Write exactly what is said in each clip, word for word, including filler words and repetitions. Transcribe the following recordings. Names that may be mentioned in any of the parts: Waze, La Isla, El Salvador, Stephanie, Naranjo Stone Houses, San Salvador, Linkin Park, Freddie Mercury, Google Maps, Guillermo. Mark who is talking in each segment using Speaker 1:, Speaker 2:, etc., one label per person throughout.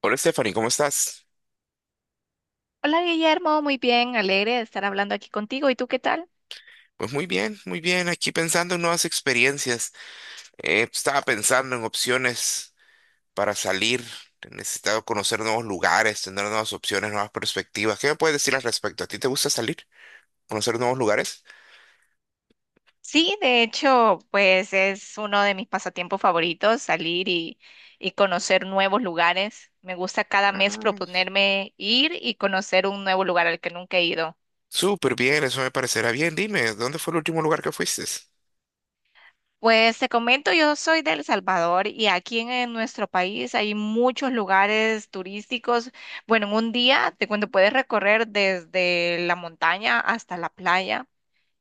Speaker 1: Hola Stephanie, ¿cómo estás?
Speaker 2: Hola Guillermo, muy bien, alegre de estar hablando aquí contigo. ¿Y tú qué tal?
Speaker 1: Pues muy bien, muy bien. Aquí pensando en nuevas experiencias. Eh, estaba pensando en opciones para salir. He necesitado conocer nuevos lugares, tener nuevas opciones, nuevas perspectivas. ¿Qué me puedes decir al respecto? ¿A ti te gusta salir? ¿Conocer nuevos lugares?
Speaker 2: Sí, de hecho, pues es uno de mis pasatiempos favoritos, salir y, y conocer nuevos lugares. Me gusta cada mes
Speaker 1: Ah,
Speaker 2: proponerme ir y conocer un nuevo lugar al que nunca he ido.
Speaker 1: súper bien, eso me parecerá bien. Dime, ¿dónde fue el último lugar que fuiste?
Speaker 2: Pues te comento, yo soy de El Salvador y aquí en, en nuestro país hay muchos lugares turísticos. Bueno, en un día te cuento, puedes recorrer desde la montaña hasta la playa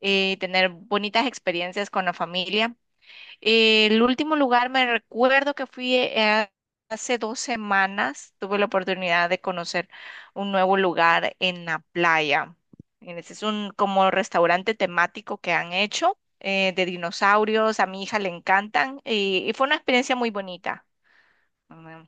Speaker 2: y tener bonitas experiencias con la familia. El último lugar me recuerdo que fui eh, hace dos semanas. Tuve la oportunidad de conocer un nuevo lugar en la playa. En este es un como restaurante temático que han hecho eh, de dinosaurios. A mi hija le encantan y, y fue una experiencia muy bonita. Mm,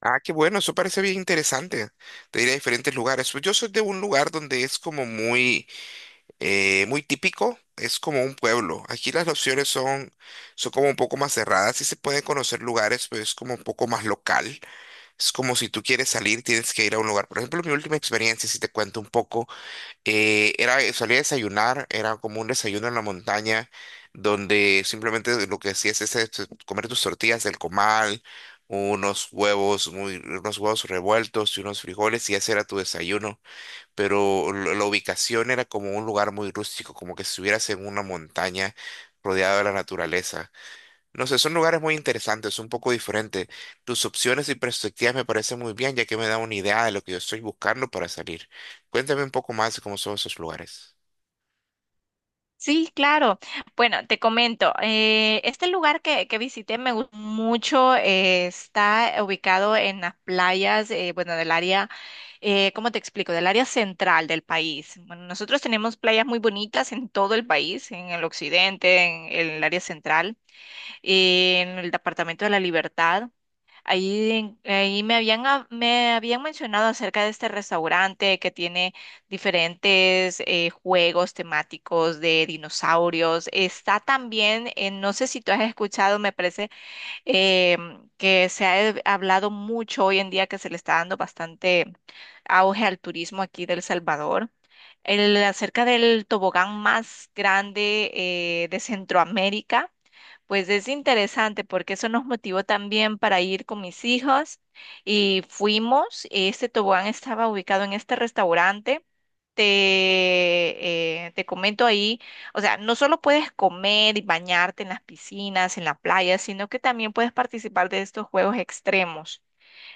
Speaker 1: Ah, qué bueno, eso parece bien interesante. Te diré a diferentes lugares. Pues yo soy de un lugar donde es como muy eh, muy típico, es como un pueblo. Aquí las opciones son, son como un poco más cerradas, sí se pueden conocer lugares, pero es como un poco más local. Es como si tú quieres salir, tienes que ir a un lugar. Por ejemplo, mi última experiencia, si te cuento un poco, eh, era salí a desayunar, era como un desayuno en la montaña, donde simplemente lo que hacías es este, comer tus tortillas del comal, unos huevos, muy, unos huevos revueltos y unos frijoles y ese era tu desayuno, pero lo- la ubicación era como un lugar muy rústico, como que si estuvieras en una montaña rodeada de la naturaleza. No sé, son lugares muy interesantes, un poco diferentes. Tus opciones y perspectivas me parecen muy bien, ya que me da una idea de lo que yo estoy buscando para salir. Cuéntame un poco más de cómo son esos lugares.
Speaker 2: Sí, claro. Bueno, te comento, eh, este lugar que, que visité me gustó mucho, eh, está ubicado en las playas, eh, bueno, del área, eh, ¿cómo te explico? Del área central del país. Bueno, nosotros tenemos playas muy bonitas en todo el país, en el occidente, en, en el área central, en el departamento de la Libertad. Ahí, en- ahí me habían, hab- me habían mencionado acerca de este restaurante que tiene diferentes eh, juegos temáticos de dinosaurios. Está también, eh, no sé si tú has escuchado, me parece em, que se ha eh, hablado mucho hoy en día que se le está dando bastante auge al turismo aquí del Salvador. El, acerca del tobogán más grande eh, de Centroamérica. Pues es interesante porque eso nos motivó también para ir con mis hijos y fuimos. Este tobogán estaba ubicado en este restaurante. Te, eh, te comento ahí, o sea, no solo puedes comer y bañarte en las piscinas, en la playa, sino que también puedes participar de estos juegos extremos.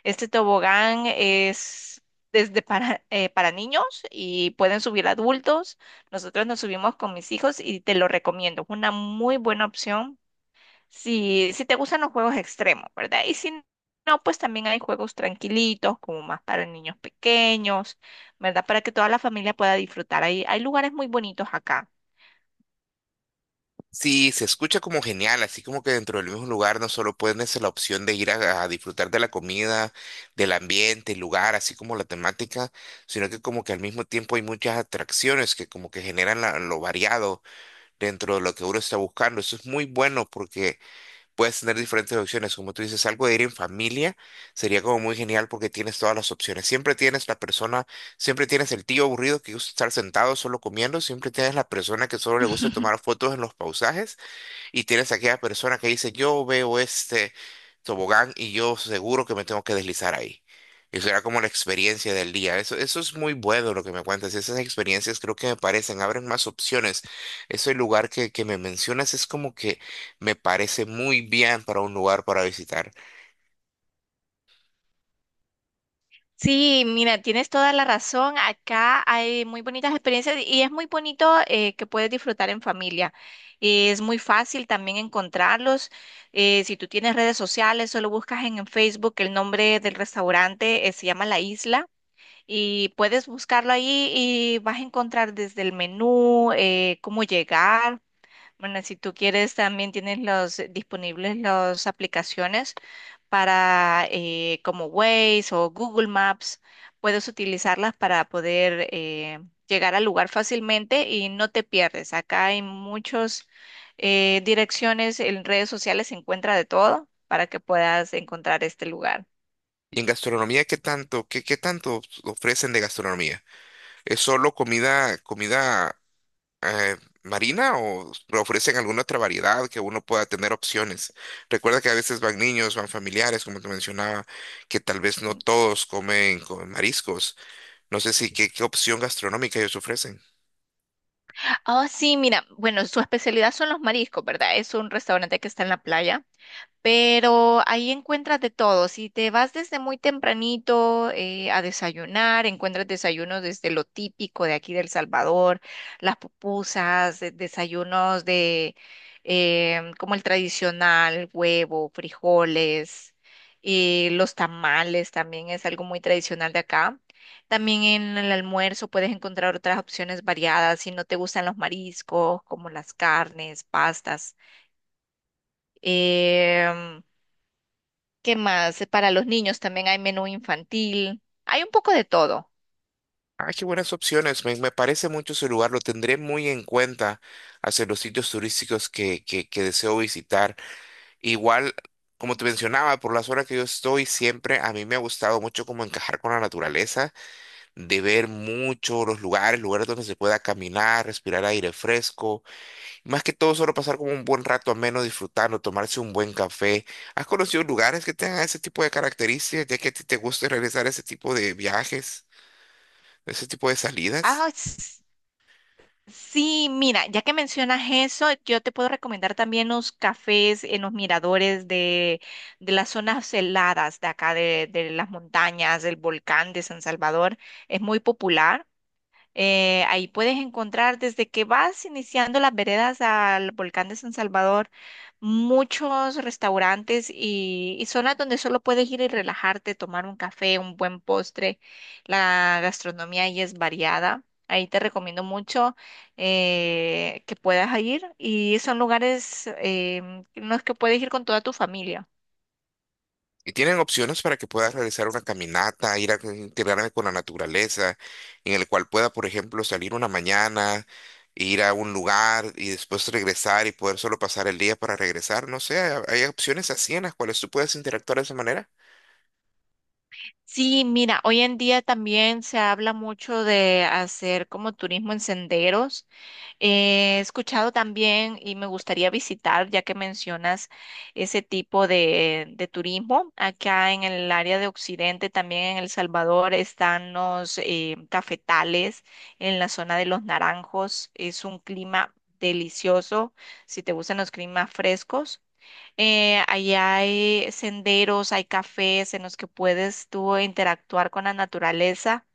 Speaker 2: Este tobogán es desde para, eh, para niños y pueden subir adultos. Nosotros nos subimos con mis hijos y te lo recomiendo. Es una muy buena opción si, si te gustan los juegos extremos, ¿verdad? Y si no, pues también hay juegos tranquilitos, como más para niños pequeños, ¿verdad? Para que toda la familia pueda disfrutar. Hay, hay lugares muy bonitos acá.
Speaker 1: Sí, se escucha como genial, así como que dentro del mismo lugar no solo puedes la opción de ir a, a disfrutar de la comida, del ambiente, el lugar, así como la temática, sino que como que al mismo tiempo hay muchas atracciones que como que generan la- lo variado dentro de lo que uno está buscando. Eso es muy bueno porque puedes tener diferentes opciones. Como tú dices, algo de ir en familia sería como muy genial porque tienes todas las opciones. Siempre tienes la persona, siempre tienes el tío aburrido que gusta estar sentado solo comiendo, siempre tienes la persona que solo le gusta tomar fotos en los pausajes. Y tienes aquella persona que dice, yo veo este tobogán y yo seguro que me tengo que deslizar ahí. Y será como la experiencia del día. Eso, eso es muy bueno lo que me cuentas. Esas experiencias creo que me parecen, abren más opciones. Ese lugar que, que me mencionas es como que me parece muy bien para un lugar para visitar.
Speaker 2: Sí, mira, tienes toda la razón. Acá hay muy bonitas experiencias y es muy bonito eh, que puedes disfrutar en familia. Es muy fácil también encontrarlos. Eh, si tú tienes redes sociales, solo buscas en, en Facebook el nombre del restaurante, eh, se llama La Isla. Y puedes buscarlo ahí y vas a encontrar desde el menú, eh, cómo llegar. Bueno, si tú quieres, también tienes los disponibles las aplicaciones para eh, como Waze o Google Maps. Puedes utilizarlas para poder eh, llegar al lugar fácilmente y no te pierdes. Acá hay muchas direcciones, en redes sociales se encuentra de todo para que puedas encontrar este lugar.
Speaker 1: ¿Y en gastronomía qué tanto, qué, qué tanto ofrecen de gastronomía? ¿Es solo comida, comida eh, marina o ofrecen alguna otra variedad que uno pueda tener opciones? Recuerda que a veces van niños, van familiares, como te mencionaba, que tal vez no
Speaker 2: Sí.
Speaker 1: todos comen con mariscos. No sé si qué, qué opción gastronómica ellos ofrecen.
Speaker 2: Ah, sí, mira, bueno, su especialidad son los mariscos, ¿verdad? Es un restaurante que está en la playa pero ahí encuentras de todo. Si te vas desde muy tempranito eh, a desayunar, encuentras desayunos desde lo típico de aquí del Salvador, las pupusas, de- desayunos de em, como el tradicional, huevo, frijoles, y los tamales también es algo muy tradicional de acá. También en el almuerzo puedes encontrar otras opciones variadas si no te gustan los mariscos, como las carnes, pastas. Em, ¿Qué más? Para los niños también hay menú infantil. Hay un poco de todo.
Speaker 1: Ah, qué buenas opciones. Me, me parece mucho ese lugar. Lo tendré muy en cuenta hacia los sitios turísticos que, que, que deseo visitar. Igual, como te mencionaba, por las horas que yo estoy, siempre a mí me ha gustado mucho como encajar con la naturaleza, de ver mucho los lugares, lugares donde se pueda caminar, respirar aire fresco, y más que todo solo pasar como un buen rato ameno disfrutando, tomarse un buen café. ¿Has conocido lugares que tengan ese tipo de características, ya que a ti te gusta realizar ese tipo de viajes, ese tipo de salidas?
Speaker 2: Ah, s- sí, mira, ya que mencionas eso, yo te puedo recomendar también los cafés en los miradores de, de las zonas heladas de acá, de, de las montañas, del volcán de San Salvador. Es muy popular. Eh, ahí puedes encontrar desde que vas iniciando las veredas al volcán de San Salvador, muchos restaurantes y, y zonas donde solo puedes ir y relajarte, tomar un café, un buen postre. La gastronomía ahí es variada. Ahí te recomiendo mucho eh, que puedas ir y son lugares em, en los que puedes ir con toda tu familia.
Speaker 1: Y tienen opciones para que puedas realizar una caminata, ir a integrarme con la naturaleza, en el cual pueda, por ejemplo, salir una mañana, ir a un lugar y después regresar y poder solo pasar el día para regresar. No sé, ha- hay opciones así en las cuales tú puedes interactuar de esa manera.
Speaker 2: Sí, mira, hoy en día también se habla mucho de hacer como turismo en senderos. He escuchado también y me gustaría visitar, ya que mencionas ese tipo de, de turismo, acá en el área de Occidente, también en El Salvador, están los eh, cafetales en la zona de Los Naranjos. Es un clima delicioso si te gustan los climas frescos. Eh, ahí hay senderos, hay cafés en los que puedes tú interactuar con la naturaleza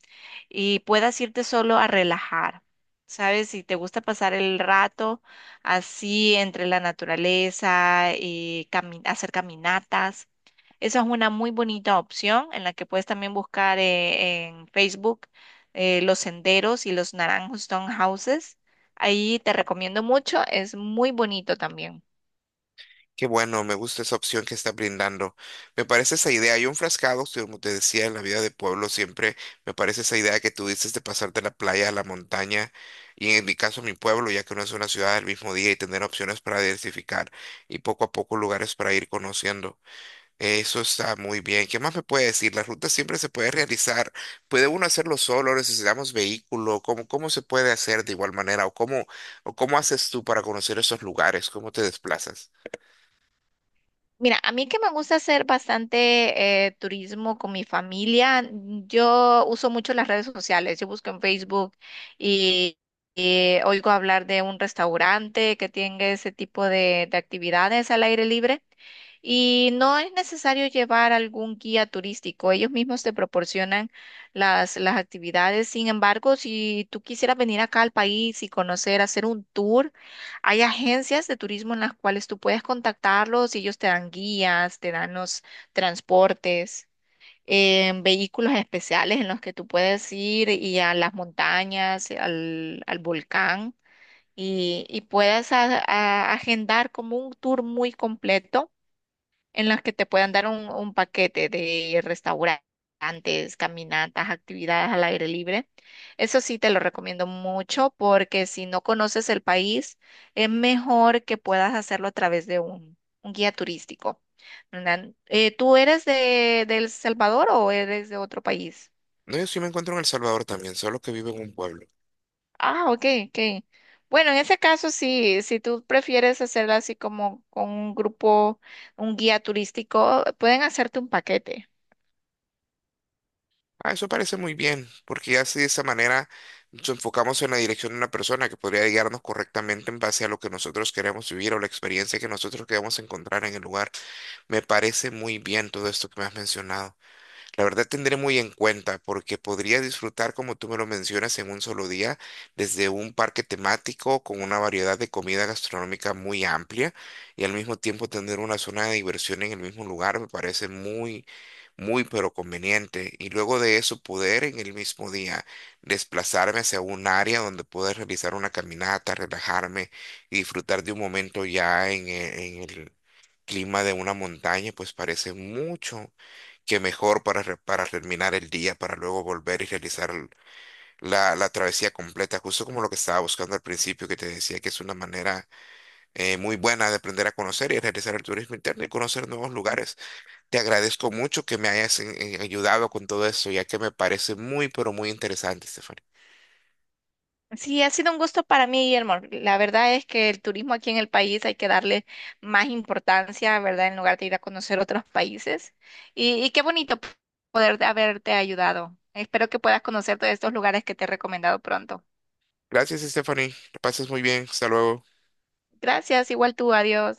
Speaker 2: y puedas irte solo a relajar. ¿Sabes? Si te gusta pasar el rato así entre la naturaleza, eh, cami- hacer caminatas, esa es una muy bonita opción en la que puedes también buscar eh, en Facebook eh, los senderos y los Naranjo Stone Houses. Ahí te recomiendo mucho, es muy bonito también.
Speaker 1: Qué bueno, me gusta esa opción que está brindando. Me parece esa idea. Yo enfrascado, sí, como te decía, en la vida de pueblo, siempre me parece esa idea que tú dices de pasar de la playa a la montaña y en mi caso mi pueblo, ya que no es una ciudad del mismo día, y tener opciones para diversificar y poco a poco lugares para ir conociendo. Eso está muy bien. ¿Qué más me puede decir? La ruta siempre se puede realizar. ¿Puede uno hacerlo solo? ¿Necesitamos vehículo? ¿Cómo, cómo se puede hacer de igual manera? ¿O cómo, o cómo haces tú para conocer esos lugares? ¿Cómo te desplazas?
Speaker 2: Mira, a mí que me gusta hacer bastante eh, turismo con mi familia, mm, yo uso mucho las redes sociales, yo busco en Facebook y, y oigo hablar de un restaurante que tiene ese tipo de, de actividades al aire libre y no es necesario llevar algún guía turístico, ellos mismos te proporcionan las, las actividades, sin embargo, si tú quisieras venir acá al país y conocer, hacer un tour, hay agencias de turismo en las cuales tú puedes contactarlos y ellos te dan guías, te dan los transportes, eh, vehículos especiales en los que tú puedes ir y a las montañas, al, al volcán y, y puedes a- a- agendar como un tour muy completo en las que te puedan dar un, un paquete de restaurantes, caminatas, actividades al aire libre. Eso sí te lo recomiendo mucho porque si no conoces el país, es mejor que puedas hacerlo a través de un, un guía turístico, ¿verdad? Eh, ¿tú eres de, de El Salvador o eres de otro país?
Speaker 1: No, yo sí me encuentro en El Salvador también, solo que vivo en un pueblo.
Speaker 2: Ah, ok, ok. Bueno, en ese caso sí, si tú prefieres hacerlo así como con un grupo, un guía turístico, pueden hacerte un paquete.
Speaker 1: Ah, eso parece muy bien, porque ya así de esa manera nos enfocamos en la dirección de una persona que podría guiarnos correctamente en base a lo que nosotros queremos vivir o la experiencia que nosotros queremos encontrar en el lugar. Me parece muy bien todo esto que me has mencionado. La verdad tendré muy en cuenta porque podría disfrutar, como tú me lo mencionas, en un solo día, desde un parque temático con una variedad de comida gastronómica muy amplia y al mismo tiempo tener una zona de diversión en el mismo lugar me parece muy, muy pero conveniente. Y luego de eso poder en el mismo día desplazarme hacia un área donde pueda realizar una caminata, relajarme y disfrutar de un momento ya en e- en el clima de una montaña, pues parece mucho que mejor para, re- para terminar el día, para luego volver y realizar l- la, la travesía completa, justo como lo que estaba buscando al principio, que te decía que es una manera eh, muy buena de aprender a conocer y realizar el turismo interno y conocer nuevos lugares. Te agradezco mucho que me hayas eh, ayudado con todo esto, ya que me parece muy, pero muy interesante, Stephanie.
Speaker 2: Sí, ha sido un gusto para mí, Guillermo. La verdad es que el turismo aquí en el país hay que darle más importancia, ¿verdad? En lugar de ir a conocer otros países. Y, y qué bonito p- poder haberte ayudado. Espero que puedas conocer todos estos lugares que te he recomendado pronto.
Speaker 1: Gracias, Stephanie. Que pases muy bien. Hasta luego.
Speaker 2: Gracias, igual tú, adiós.